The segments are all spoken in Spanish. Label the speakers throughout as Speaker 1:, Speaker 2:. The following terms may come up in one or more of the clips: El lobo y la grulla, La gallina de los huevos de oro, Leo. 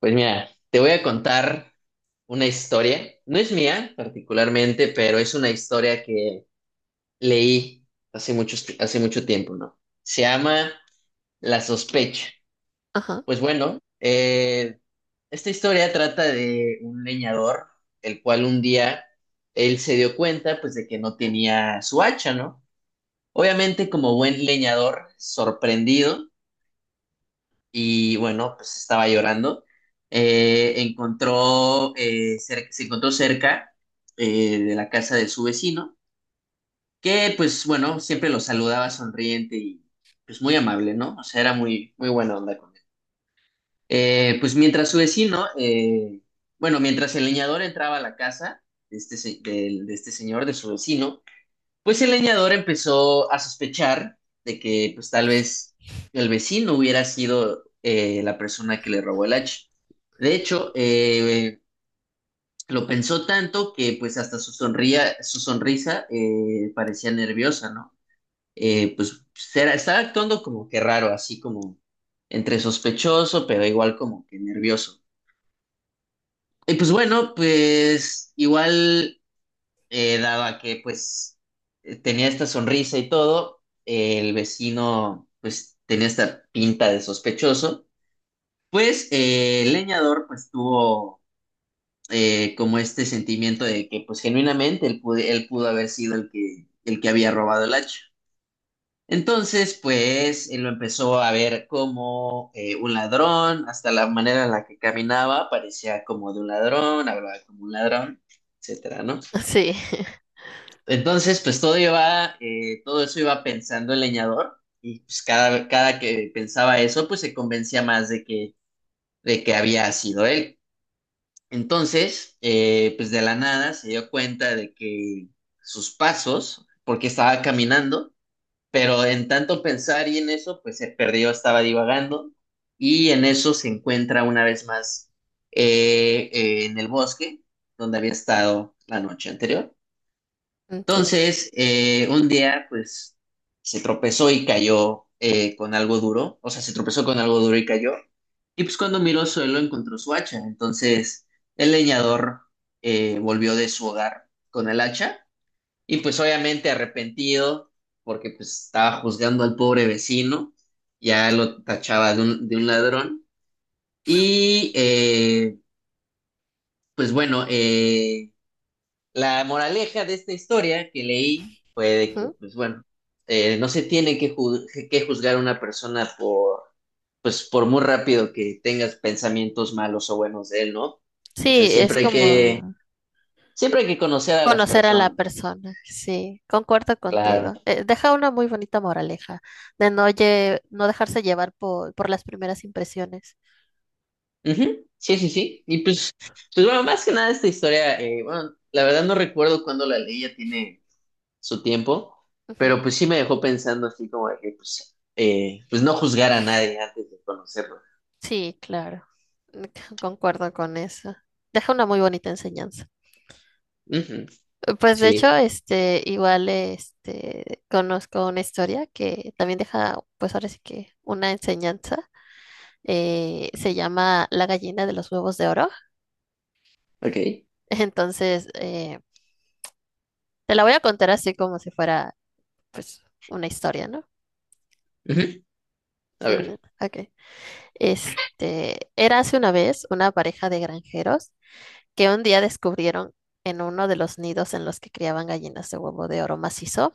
Speaker 1: Pues mira, te voy a contar una historia. No es mía particularmente, pero es una historia que leí hace mucho tiempo, ¿no? Se llama La sospecha.
Speaker 2: Ajá,
Speaker 1: Pues bueno, esta historia trata de un leñador, el cual un día él se dio cuenta, pues, de que no tenía su hacha, ¿no? Obviamente, como buen leñador, sorprendido y bueno, pues estaba llorando. Encontró, se encontró cerca de la casa de su vecino, que pues bueno, siempre lo saludaba sonriente y pues muy amable, ¿no? O sea, era muy, muy buena onda con él. Pues mientras su vecino, bueno, mientras el leñador entraba a la casa de este, de este señor, de su vecino, pues el leñador empezó a sospechar de que pues tal vez el vecino hubiera sido la persona que le robó el hacha. De hecho, lo pensó tanto que pues hasta su sonrisa parecía nerviosa, ¿no? Eh, pues estaba actuando como que raro, así como entre sospechoso, pero igual como que nervioso. Y pues bueno, pues igual dado a que pues tenía esta sonrisa y todo, el vecino pues tenía esta pinta de sospechoso, pues el leñador pues tuvo como este sentimiento de que pues genuinamente él pudo haber sido el que había robado el hacha. Entonces pues él lo empezó a ver como un ladrón, hasta la manera en la que caminaba parecía como de un ladrón, hablaba como un ladrón, etcétera, ¿no?
Speaker 2: sí,
Speaker 1: Entonces, pues todo eso iba pensando el leñador y pues cada que pensaba eso, pues se convencía más de que había sido él. Entonces, pues de la nada se dio cuenta de que sus pasos, porque estaba caminando, pero en tanto pensar y en eso, pues se perdió, estaba divagando y en eso se encuentra una vez más en el bosque donde había estado la noche anterior.
Speaker 2: entiendo.
Speaker 1: Entonces, un día, pues, se tropezó y cayó con algo duro, o sea, se tropezó con algo duro y cayó, y pues cuando miró al suelo encontró su hacha, entonces el leñador volvió de su hogar con el hacha, y pues obviamente arrepentido, porque pues estaba juzgando al pobre vecino, ya lo tachaba de un ladrón, y eh, pues bueno, la moraleja de esta historia que leí fue de que,
Speaker 2: Ujú.
Speaker 1: pues bueno, no se tiene que juzgar a una persona por, pues por muy rápido que tengas pensamientos malos o buenos de él, ¿no? O sea,
Speaker 2: Sí, es como
Speaker 1: siempre hay que conocer a las
Speaker 2: conocer a la
Speaker 1: personas,
Speaker 2: persona, sí, concuerdo contigo.
Speaker 1: claro.
Speaker 2: Deja una muy bonita moraleja de no dejarse llevar por las primeras impresiones.
Speaker 1: Ujú. Sí, sí, sí. Y pues, pues bueno, más que nada esta historia, bueno, la verdad no recuerdo cuándo la leí, ya tiene su tiempo,
Speaker 2: Ujú.
Speaker 1: pero pues sí me dejó pensando así como de que, pues, pues no juzgar a nadie antes de conocerlo.
Speaker 2: Sí, claro, Mm, concuerdo con eso. Deja una muy bonita enseñanza.
Speaker 1: Ujú.
Speaker 2: Pues de
Speaker 1: Sí,
Speaker 2: hecho, este, igual, este, conozco una historia que también deja, pues ahora sí que una enseñanza. Se llama La gallina de los huevos de oro.
Speaker 1: ok.
Speaker 2: Entonces, te la voy a contar así como si fuera, pues, una historia, ¿no?
Speaker 1: Ujú. A
Speaker 2: En-
Speaker 1: ver,
Speaker 2: ok. Este, era hace una vez una pareja de granjeros que un día descubrieron en uno de los nidos en los que criaban gallinas de huevo de oro macizo.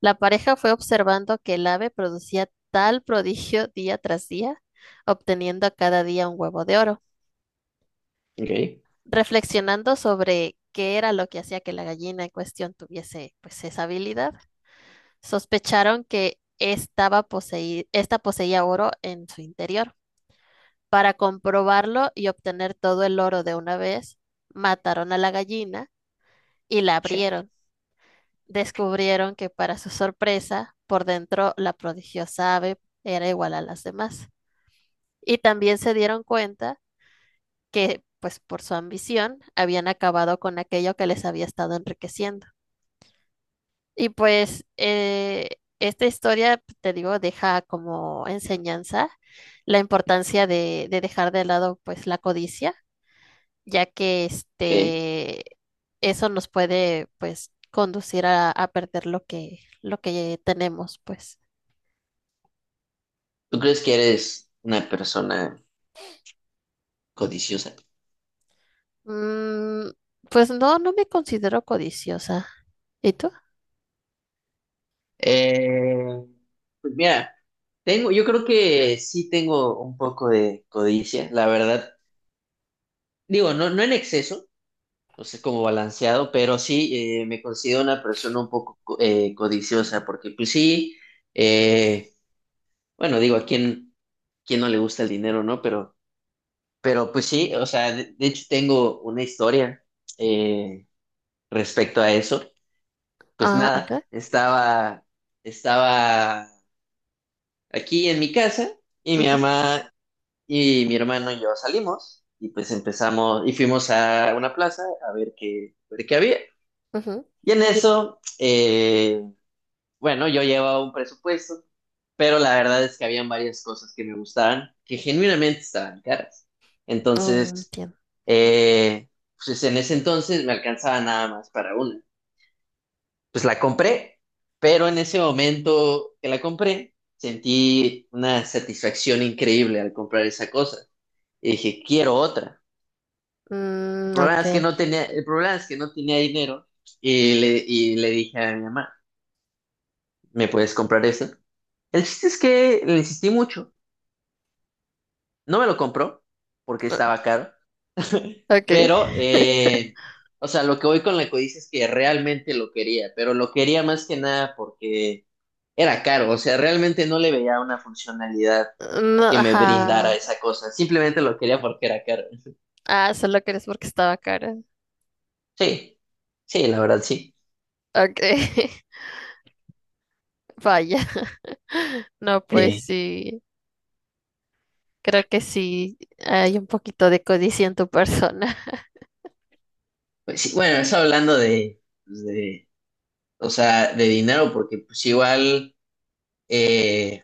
Speaker 2: La pareja fue observando que el ave producía tal prodigio día tras día, obteniendo cada día un huevo de oro.
Speaker 1: ok.
Speaker 2: Reflexionando sobre qué era lo que hacía que la gallina en cuestión tuviese, pues, esa habilidad. Sospecharon que esta poseía oro en su interior. Para comprobarlo y obtener todo el oro de una vez, mataron a la gallina y la
Speaker 1: Check.
Speaker 2: abrieron. Descubrieron que, para su sorpresa, por dentro la prodigiosa ave era igual a las demás. Y también se dieron cuenta que, pues por su ambición, habían acabado con aquello que les había estado enriqueciendo. Y pues, esta historia, te digo, deja como enseñanza la importancia de dejar de lado pues la codicia, ya que
Speaker 1: Ok.
Speaker 2: este eso nos puede pues conducir a perder lo que tenemos, pues.
Speaker 1: ¿Tú crees que eres una persona codiciosa?
Speaker 2: Mm, pues no, no me considero codiciosa. ¿Y tú?
Speaker 1: Eh, pues mira, tengo, yo creo que sí tengo un poco de codicia, la verdad. Digo, no, no en exceso, no sé, como balanceado, pero sí me considero una persona un poco codiciosa, porque pues sí, eh, bueno, digo, ¿a quién, quién no le gusta el dinero, no? Pero pues sí, o sea, de hecho tengo una historia eh, respecto a eso. Pues
Speaker 2: Ah, ok.
Speaker 1: nada, estaba aquí en mi casa y mi
Speaker 2: Ujú,
Speaker 1: mamá y mi hermano y yo salimos y pues empezamos y fuimos a una plaza a ver qué había.
Speaker 2: ujú.
Speaker 1: Y en eso, bueno, yo llevaba un presupuesto, pero la verdad es que habían varias cosas que me gustaban que genuinamente estaban caras.
Speaker 2: Mm,
Speaker 1: Entonces,
Speaker 2: entiendo.
Speaker 1: Eh, pues en ese entonces me alcanzaba nada más para una. Pues la compré, pero en ese momento que la compré, sentí una satisfacción increíble al comprar esa cosa. Y dije, quiero otra. El
Speaker 2: Mm,
Speaker 1: problema
Speaker 2: ok.
Speaker 1: es que no tenía, el problema es que no tenía dinero y le dije a mi mamá, ¿me puedes comprar esa? El chiste es que le insistí mucho. No me lo compró porque
Speaker 2: Ah,
Speaker 1: estaba caro.
Speaker 2: ok.
Speaker 1: Pero, o sea, lo que voy con la codicia es que realmente lo quería, pero lo quería más que nada porque era caro, o sea, realmente no le veía una funcionalidad
Speaker 2: No,
Speaker 1: que me
Speaker 2: ajá.
Speaker 1: brindara esa cosa, simplemente lo quería porque era caro.
Speaker 2: Ah, solo crees porque estaba cara.
Speaker 1: Sí, sí, la verdad, sí.
Speaker 2: Ok, vaya. No, pues
Speaker 1: Eh,
Speaker 2: sí, creo que sí hay un poquito de codicia en tu persona.
Speaker 1: pues sí, bueno, eso hablando de, pues, de, o sea, de dinero, porque pues igual, eh,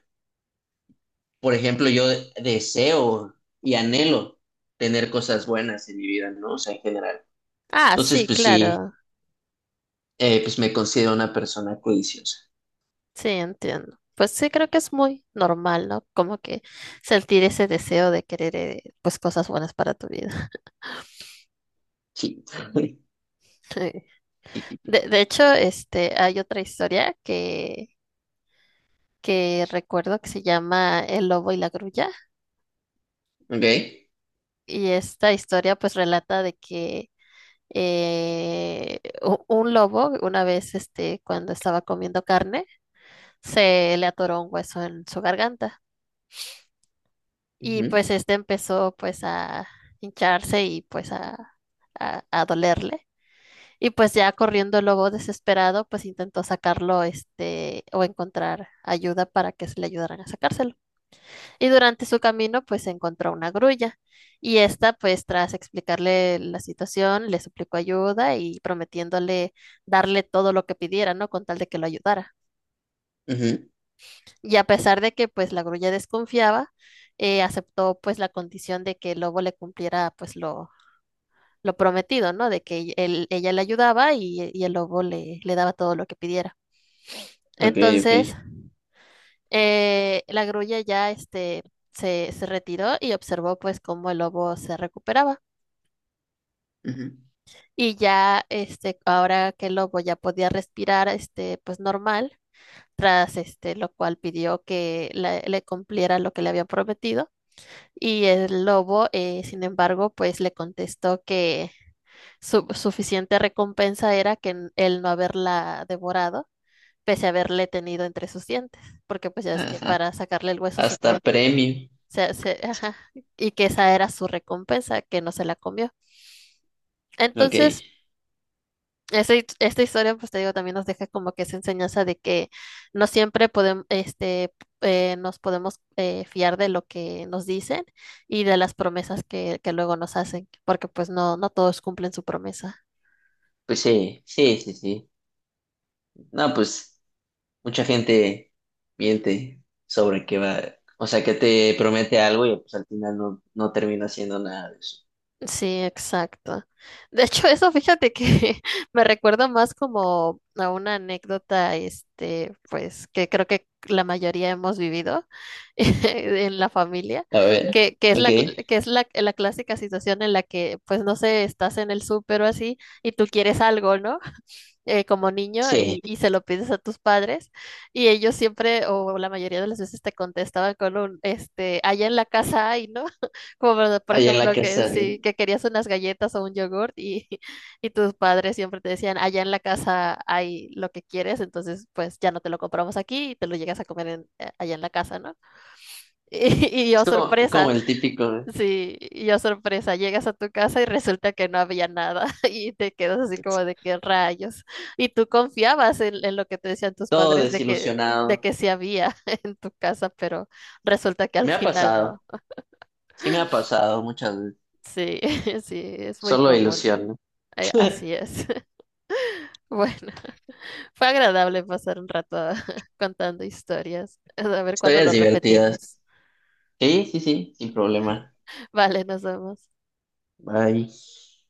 Speaker 1: por ejemplo, yo deseo y anhelo tener cosas buenas en mi vida, ¿no? O sea, en general.
Speaker 2: Ah,
Speaker 1: Entonces,
Speaker 2: sí,
Speaker 1: pues sí.
Speaker 2: claro,
Speaker 1: Pues me considero una persona codiciosa.
Speaker 2: sí, entiendo. Pues sí, creo que es muy normal, ¿no? Como que sentir ese deseo de querer, pues, cosas buenas para tu vida.
Speaker 1: Sí.
Speaker 2: Sí. De hecho, este, hay otra historia que recuerdo que se llama El lobo y la grulla.
Speaker 1: Ok.
Speaker 2: Y esta historia, pues, relata de que un lobo, una vez, este, cuando estaba comiendo carne, se le atoró un hueso en su garganta y
Speaker 1: Ujú,
Speaker 2: pues este empezó pues a hincharse y pues a dolerle. Y pues ya corriendo el lobo desesperado, pues intentó sacarlo, este, o encontrar ayuda para que se le ayudaran a sacárselo. Y durante su camino, pues encontró una grulla. Y esta, pues tras explicarle la situación, le suplicó ayuda y prometiéndole darle todo lo que pidiera, ¿no? Con tal de que lo ayudara.
Speaker 1: ujú.
Speaker 2: Y a pesar de que, pues, la grulla desconfiaba, aceptó, pues, la condición de que el lobo le cumpliera, pues, lo prometido, ¿no? De que ella le ayudaba y el lobo le daba todo lo que pidiera.
Speaker 1: Ok,
Speaker 2: Entonces,
Speaker 1: ok.
Speaker 2: eh, la grulla ya, este, se retiró y observó, pues, cómo el lobo se recuperaba.
Speaker 1: Ujú.
Speaker 2: Y ya, este, ahora que el lobo ya podía respirar, este, pues normal, tras este, lo cual pidió que le cumpliera lo que le había prometido. Y el lobo, sin embargo, pues le contestó que su suficiente recompensa era que el no haberla devorado, pese a haberle tenido entre sus dientes, porque pues ya es que
Speaker 1: Ajá.
Speaker 2: para sacarle el hueso se tuvo
Speaker 1: Hasta
Speaker 2: que,
Speaker 1: premio.
Speaker 2: ajá, y que esa era su recompensa, que no se la comió.
Speaker 1: Ok.
Speaker 2: Entonces, esta, esta historia, pues te digo, también nos deja como que esa enseñanza de que no siempre podemos, este, nos podemos fiar de lo que nos dicen y de las promesas que luego nos hacen, porque pues no, no todos cumplen su promesa.
Speaker 1: Pues sí, sí, sí, sí. No, pues mucha gente miente sobre qué va. O sea, que te promete algo y pues al final no, no termina haciendo nada de eso.
Speaker 2: Sí, exacto. De hecho, eso fíjate que me recuerda más como a una anécdota, este, pues, que creo que la mayoría hemos vivido en la familia,
Speaker 1: A ver.
Speaker 2: que es
Speaker 1: Ok.
Speaker 2: que es la, la clásica situación en la que, pues, no sé, estás en el súper o así y tú quieres algo, ¿no? Como niño
Speaker 1: Sí.
Speaker 2: y se lo pides a tus padres, y ellos siempre o la mayoría de las veces te contestaban con un, este, allá en la casa hay, ¿no? Como por
Speaker 1: Allá en la
Speaker 2: ejemplo que
Speaker 1: casa. ¿Eh?
Speaker 2: sí, que querías unas galletas o un yogurt y, y tus padres siempre te decían, allá en la casa hay lo que quieres, entonces pues ya no te lo compramos aquí y te lo llegas a comer allá en la casa, ¿no? Y, y
Speaker 1: Es
Speaker 2: yo,
Speaker 1: como, como
Speaker 2: sorpresa.
Speaker 1: el típico, ¿eh?
Speaker 2: Sí, y yo sorpresa, llegas a tu casa y resulta que no había nada y te quedas así como de qué rayos. Y tú confiabas en lo que te decían tus
Speaker 1: Todo
Speaker 2: padres de
Speaker 1: desilusionado.
Speaker 2: que sí había en tu casa, pero resulta que al
Speaker 1: Me ha
Speaker 2: final
Speaker 1: pasado.
Speaker 2: no.
Speaker 1: Sí me ha pasado muchas veces.
Speaker 2: Sí, sí, es muy
Speaker 1: Solo
Speaker 2: común.
Speaker 1: ilusión, ¿no?
Speaker 2: Así es. Bueno, fue agradable pasar un rato contando historias. A ver cuándo
Speaker 1: Historias
Speaker 2: lo
Speaker 1: divertidas.
Speaker 2: repetimos.
Speaker 1: Sí, sí, sí, sin problema.
Speaker 2: Vale, nos vemos.
Speaker 1: Bye.